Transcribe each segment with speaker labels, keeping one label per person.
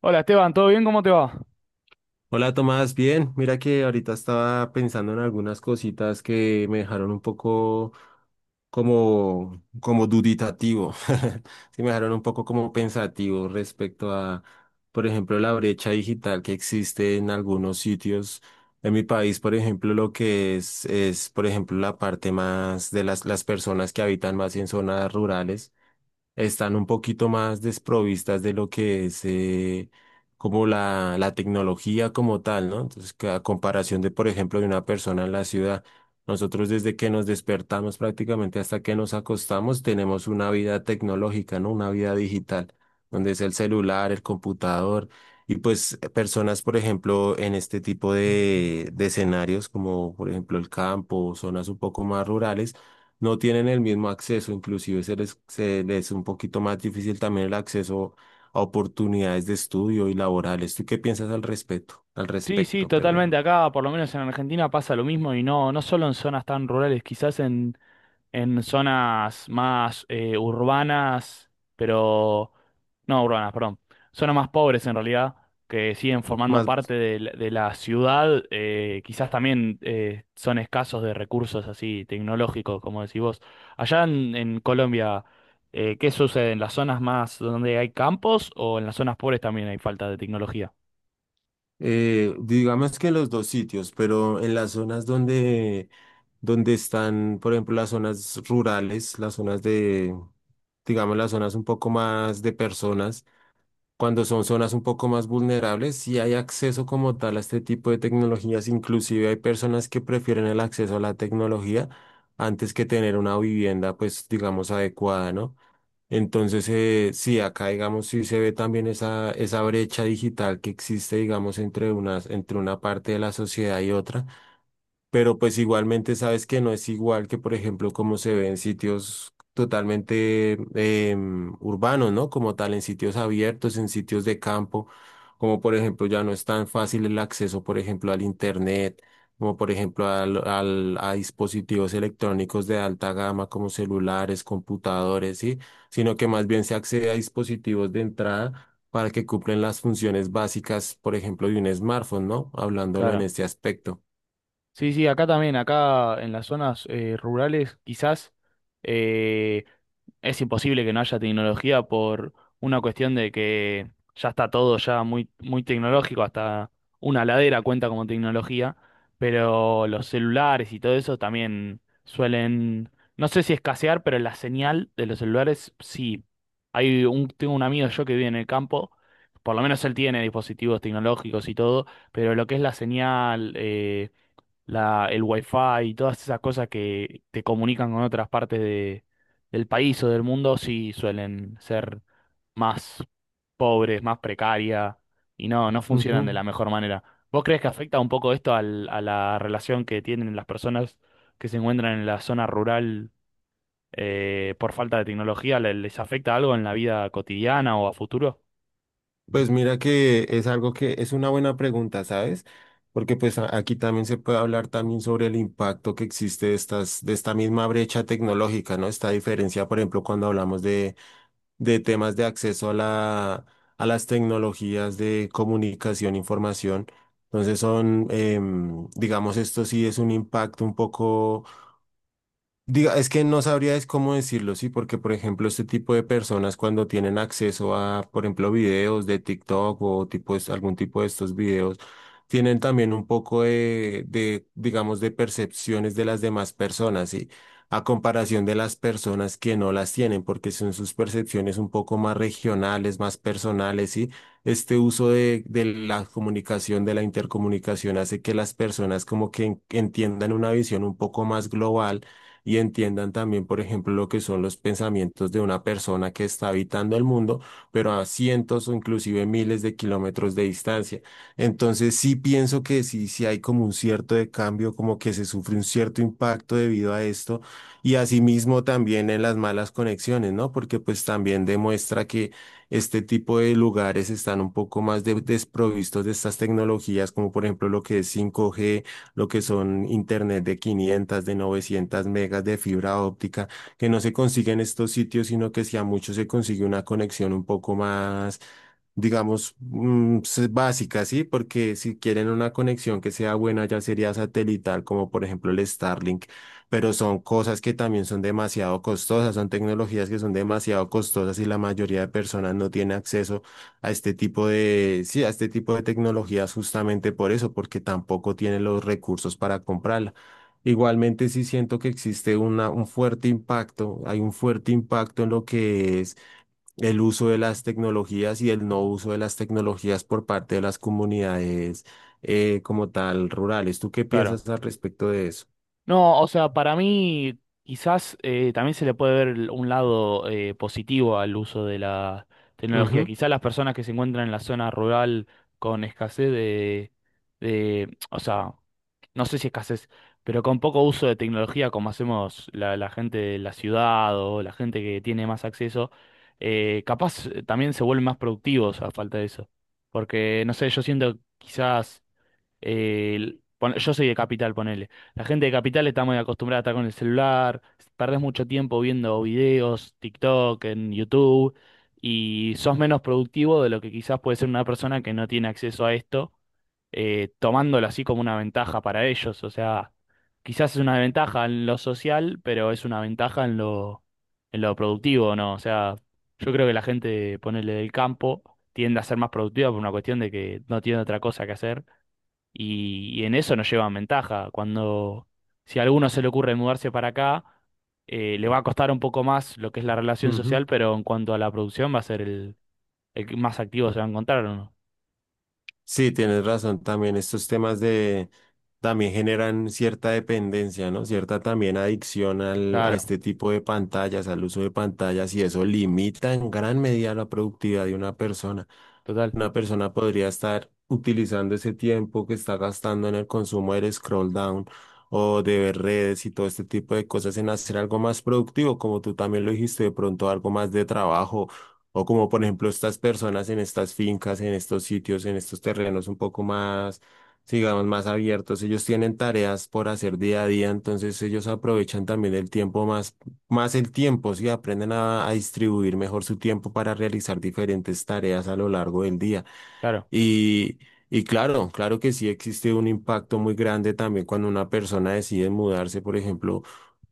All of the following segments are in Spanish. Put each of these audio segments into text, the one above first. Speaker 1: Hola Esteban, ¿todo bien? ¿Cómo te va?
Speaker 2: Hola Tomás, bien, mira que ahorita estaba pensando en algunas cositas que me dejaron un poco como duditativo, sí me dejaron un poco como pensativo respecto a, por ejemplo, la brecha digital que existe en algunos sitios. En mi país, por ejemplo, lo que es, por ejemplo, la parte más de las personas que habitan más en zonas rurales están un poquito más desprovistas de lo que es como la tecnología como tal, ¿no? Entonces, que a comparación de, por ejemplo, de una persona en la ciudad, nosotros desde que nos despertamos prácticamente hasta que nos acostamos, tenemos una vida tecnológica, ¿no? Una vida digital, donde es el celular, el computador. Y pues personas, por ejemplo, en este tipo de escenarios, como por ejemplo el campo, zonas un poco más rurales, no tienen el mismo acceso, inclusive se les es un poquito más difícil también el acceso a oportunidades de estudio y laborales. ¿Tú qué piensas al respecto? Al
Speaker 1: Sí, sí,
Speaker 2: respecto,
Speaker 1: totalmente.
Speaker 2: perdón.
Speaker 1: Acá, por lo menos en Argentina, pasa lo mismo y no, no solo en zonas tan rurales, quizás en zonas más urbanas, pero no urbanas, perdón, zonas más pobres en realidad, que siguen formando
Speaker 2: Más,
Speaker 1: parte de la ciudad, quizás también son escasos de recursos así tecnológicos, como decís vos. Allá en Colombia, ¿qué sucede? ¿En las zonas más donde hay campos o en las zonas pobres también hay falta de tecnología?
Speaker 2: digamos que en los dos sitios, pero en las zonas donde, donde están, por ejemplo, las zonas rurales, las zonas de, digamos, las zonas un poco más de personas. Cuando son zonas un poco más vulnerables, sí hay acceso como tal a este tipo de tecnologías. Inclusive hay personas que prefieren el acceso a la tecnología antes que tener una vivienda, pues digamos, adecuada, ¿no? Entonces, sí, acá, digamos, sí se ve también esa brecha digital que existe, digamos, entre unas, entre una parte de la sociedad y otra, pero pues igualmente sabes que no es igual que, por ejemplo, como se ve en sitios totalmente urbanos, ¿no? Como tal, en sitios abiertos, en sitios de campo, como por ejemplo ya no es tan fácil el acceso, por ejemplo, al internet, como por ejemplo a dispositivos electrónicos de alta gama como celulares, computadores, ¿sí? Sino que más bien se accede a dispositivos de entrada, para que cumplen las funciones básicas, por ejemplo, de un smartphone, ¿no? Hablándolo en
Speaker 1: Claro.
Speaker 2: este aspecto.
Speaker 1: Sí, sí, acá también, acá en las zonas rurales quizás eh, es imposible que no haya tecnología por una cuestión de que ya está todo ya muy, muy tecnológico, hasta una ladera cuenta como tecnología, pero los celulares y todo eso también suelen, no sé si escasear, pero la señal de los celulares sí. Tengo un amigo yo que vive en el campo, por lo menos él tiene dispositivos tecnológicos y todo, pero lo que es la señal... el wifi y todas esas cosas que te comunican con otras partes de, del país o del mundo, sí suelen ser más pobres, más precarias y no, no funcionan de
Speaker 2: Ujú.
Speaker 1: la mejor manera. ¿Vos crees que afecta un poco esto a la relación que tienen las personas que se encuentran en la zona rural por falta de tecnología? Les afecta algo en la vida cotidiana o a futuro?
Speaker 2: Pues mira que es algo que es una buena pregunta, ¿sabes? Porque pues aquí también se puede hablar también sobre el impacto que existe de estas, de esta misma brecha tecnológica, ¿no? Esta diferencia, por ejemplo, cuando hablamos de temas de acceso a la, a las tecnologías de comunicación, información. Entonces son, digamos, esto sí es un impacto un poco. Diga, es que no sabría es cómo decirlo, sí, porque por ejemplo este tipo de personas cuando tienen acceso a, por ejemplo, videos de TikTok o tipo, algún tipo de estos videos, tienen también un poco de, digamos, de percepciones de las demás personas, sí, a comparación de las personas que no las tienen, porque son sus percepciones un poco más regionales, más personales, sí. Este uso de la comunicación, de la intercomunicación, hace que las personas como que entiendan una visión un poco más global y entiendan también, por ejemplo, lo que son los pensamientos de una persona que está habitando el mundo, pero a cientos o inclusive miles de kilómetros de distancia. Entonces sí pienso que sí, sí hay como un cierto de cambio, como que se sufre un cierto impacto debido a esto y asimismo también en las malas conexiones, ¿no? Porque pues también demuestra que este tipo de lugares están un poco más desprovistos de estas tecnologías, como por ejemplo lo que es 5G, lo que son internet de 500, de 900 megas de fibra óptica, que no se consigue en estos sitios, sino que si a muchos se consigue una conexión un poco más, digamos, básica, ¿sí? Porque si quieren una conexión que sea buena, ya sería satelital, como por ejemplo el Starlink, pero son cosas que también son demasiado costosas, son tecnologías que son demasiado costosas y la mayoría de personas no tiene acceso a este tipo de, sí, a este tipo de tecnologías justamente por eso, porque tampoco tienen los recursos para comprarla. Igualmente sí siento que existe una, un fuerte impacto, hay un fuerte impacto en lo que es el uso de las tecnologías y el no uso de las tecnologías por parte de las comunidades como tal rurales. ¿Tú qué
Speaker 1: Claro.
Speaker 2: piensas al respecto de eso?
Speaker 1: No, o sea, para mí quizás también se le puede ver un lado positivo al uso de la tecnología.
Speaker 2: Ujú,
Speaker 1: Quizás las personas que se encuentran en la zona rural con escasez de, o sea, no sé si escasez, pero con poco uso de tecnología como hacemos la gente de la ciudad o la gente que tiene más acceso, capaz también se vuelven más productivos a falta de eso. Porque, no sé, yo siento quizás yo soy de Capital, ponele. La gente de Capital está muy acostumbrada a estar con el celular, perdés mucho tiempo viendo videos, TikTok, en YouTube, y sos menos productivo de lo que quizás puede ser una persona que no tiene acceso a esto, tomándolo así como una ventaja para ellos. O sea, quizás es una ventaja en lo social, pero es una ventaja en lo productivo, ¿no? O sea, yo creo que la gente, ponele del campo, tiende a ser más productiva por una cuestión de que no tiene otra cosa que hacer y en eso nos llevan ventaja. Cuando, si a alguno se le ocurre mudarse para acá, le va a costar un poco más lo que es la relación
Speaker 2: ujú.
Speaker 1: social, pero en cuanto a la producción va a ser el que más activo se va a encontrar, ¿o no?
Speaker 2: Sí, tienes razón también. Estos temas de también generan cierta dependencia, ¿no? Cierta también adicción al, a
Speaker 1: Claro,
Speaker 2: este tipo de pantallas, al uso de pantallas, y eso limita en gran medida la productividad de una persona.
Speaker 1: total,
Speaker 2: Una persona podría estar utilizando ese tiempo que está gastando en el consumo del scroll down o de ver redes y todo este tipo de cosas en hacer algo más productivo, como tú también lo dijiste, de pronto algo más de trabajo o como por ejemplo estas personas en estas fincas, en estos sitios, en estos terrenos un poco más, digamos, más abiertos, ellos tienen tareas por hacer día a día, entonces ellos aprovechan también el tiempo más, más el tiempo, sí, aprenden a distribuir mejor su tiempo para realizar diferentes tareas a lo largo del día.
Speaker 1: claro.
Speaker 2: Y, y claro, claro que sí existe un impacto muy grande también cuando una persona decide mudarse, por ejemplo,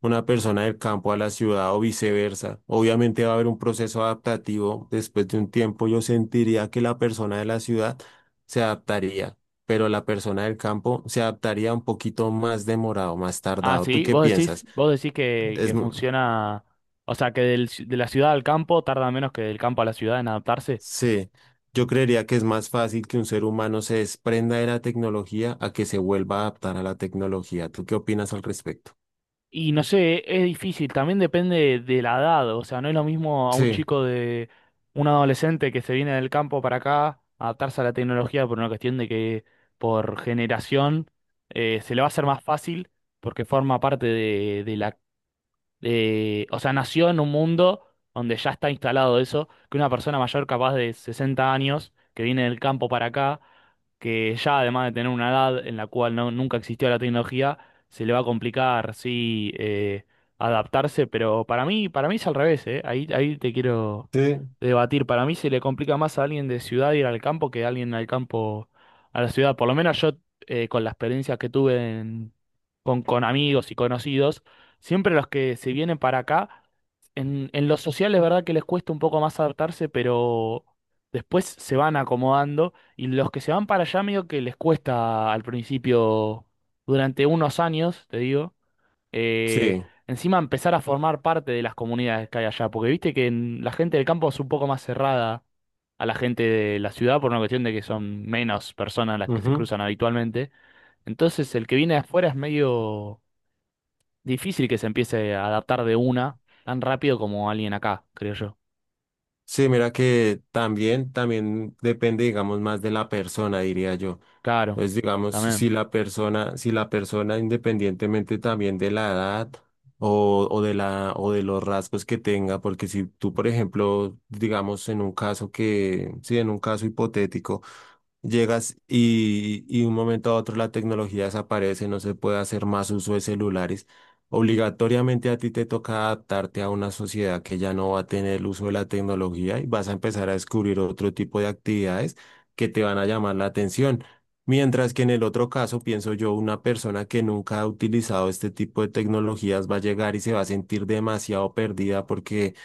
Speaker 2: una persona del campo a la ciudad o viceversa. Obviamente va a haber un proceso adaptativo. Después de un tiempo yo sentiría que la persona de la ciudad se adaptaría, pero la persona del campo se adaptaría un poquito más demorado, más
Speaker 1: Ah,
Speaker 2: tardado. ¿Tú
Speaker 1: sí,
Speaker 2: qué piensas?
Speaker 1: vos decís
Speaker 2: Es,
Speaker 1: que funciona, o sea, que de la ciudad al campo tarda menos que del campo a la ciudad en adaptarse.
Speaker 2: sí, yo creería que es más fácil que un ser humano se desprenda de la tecnología a que se vuelva a adaptar a la tecnología. ¿Tú qué opinas al respecto?
Speaker 1: Y no sé, es difícil, también depende de la edad, o sea, no es lo mismo a un
Speaker 2: Sí,
Speaker 1: chico de un adolescente que se viene del campo para acá, adaptarse a la tecnología por una cuestión de que por generación se le va a hacer más fácil porque forma parte de la o sea, nació en un mundo donde ya está instalado eso, que una persona mayor capaz de 60 años, que viene del campo para acá, que ya además de tener una edad en la cual no, nunca existió la tecnología, se le va a complicar, sí, adaptarse, pero para mí es al revés, ¿eh? Ahí te quiero
Speaker 2: sí,
Speaker 1: debatir. Para mí se le complica más a alguien de ciudad ir al campo que a alguien al campo a la ciudad. Por lo menos yo, con la experiencia que tuve con amigos y conocidos, siempre los que se vienen para acá, en lo social es verdad que les cuesta un poco más adaptarse, pero después se van acomodando y los que se van para allá medio que les cuesta al principio, durante unos años, te digo, eh,
Speaker 2: sí.
Speaker 1: encima empezar a formar parte de las comunidades que hay allá, porque viste que la gente del campo es un poco más cerrada a la gente de la ciudad por una cuestión de que son menos personas las que se
Speaker 2: Ujú.
Speaker 1: cruzan habitualmente. Entonces el que viene de afuera es medio difícil que se empiece a adaptar de una tan rápido como alguien acá, creo yo.
Speaker 2: Sí, mira que también, también depende, digamos, más de la persona, diría yo.
Speaker 1: Claro,
Speaker 2: Entonces, digamos,
Speaker 1: también.
Speaker 2: si la persona, si la persona, independientemente también de la edad o de la, o de los rasgos que tenga, porque si tú, por ejemplo, digamos, en un caso que, sí, en un caso hipotético, llegas y un momento a otro la tecnología desaparece, no se puede hacer más uso de celulares. Obligatoriamente a ti te toca adaptarte a una sociedad que ya no va a tener el uso de la tecnología y vas a empezar a descubrir otro tipo de actividades que te van a llamar la atención. Mientras que en el otro caso, pienso yo, una persona que nunca ha utilizado este tipo de tecnologías va a llegar y se va a sentir demasiado perdida porque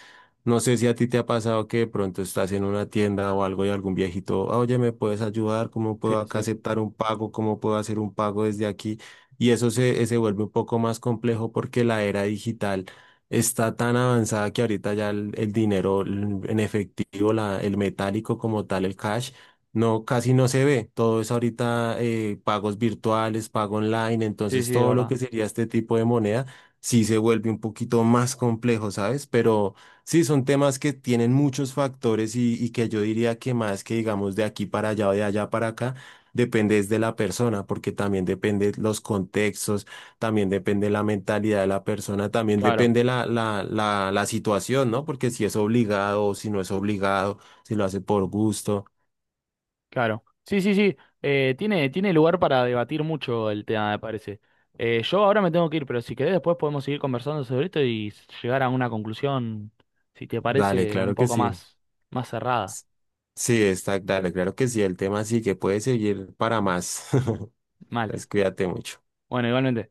Speaker 2: no sé si a ti te ha pasado que de pronto estás en una tienda o algo y algún viejito, "Ah, oye, ¿me puedes ayudar? ¿Cómo
Speaker 1: Sí,
Speaker 2: puedo acá
Speaker 1: sí.
Speaker 2: aceptar un pago? ¿Cómo puedo hacer un pago desde aquí?" Y eso se, se vuelve un poco más complejo porque la era digital está tan avanzada que ahorita ya el dinero en efectivo, la, el metálico como tal, el cash, no, casi no se ve. Todo es ahorita pagos virtuales, pago online,
Speaker 1: Sí,
Speaker 2: entonces
Speaker 1: sí, de
Speaker 2: todo lo
Speaker 1: verdad.
Speaker 2: que sería este tipo de moneda sí se vuelve un poquito más complejo, ¿sabes? Pero... Sí, son temas que tienen muchos factores y que yo diría que más que digamos de aquí para allá o de allá para acá, depende es de la persona, porque también depende los contextos, también depende la mentalidad de la persona, también
Speaker 1: Claro,
Speaker 2: depende la situación, ¿no? Porque si es obligado o si no es obligado, si lo hace por gusto,
Speaker 1: claro. Sí, sí, sí. Tiene, tiene lugar para debatir mucho el tema, me parece. Yo ahora me tengo que ir, pero si querés después podemos seguir conversando sobre esto y llegar a una conclusión, si te
Speaker 2: dale,
Speaker 1: parece, un
Speaker 2: claro que
Speaker 1: poco
Speaker 2: sí.
Speaker 1: más, más cerrada.
Speaker 2: S- Sí, está, dale, claro que sí, el tema sí que puede seguir para más. Entonces,
Speaker 1: Mal.
Speaker 2: cuídate mucho.
Speaker 1: Bueno, igualmente.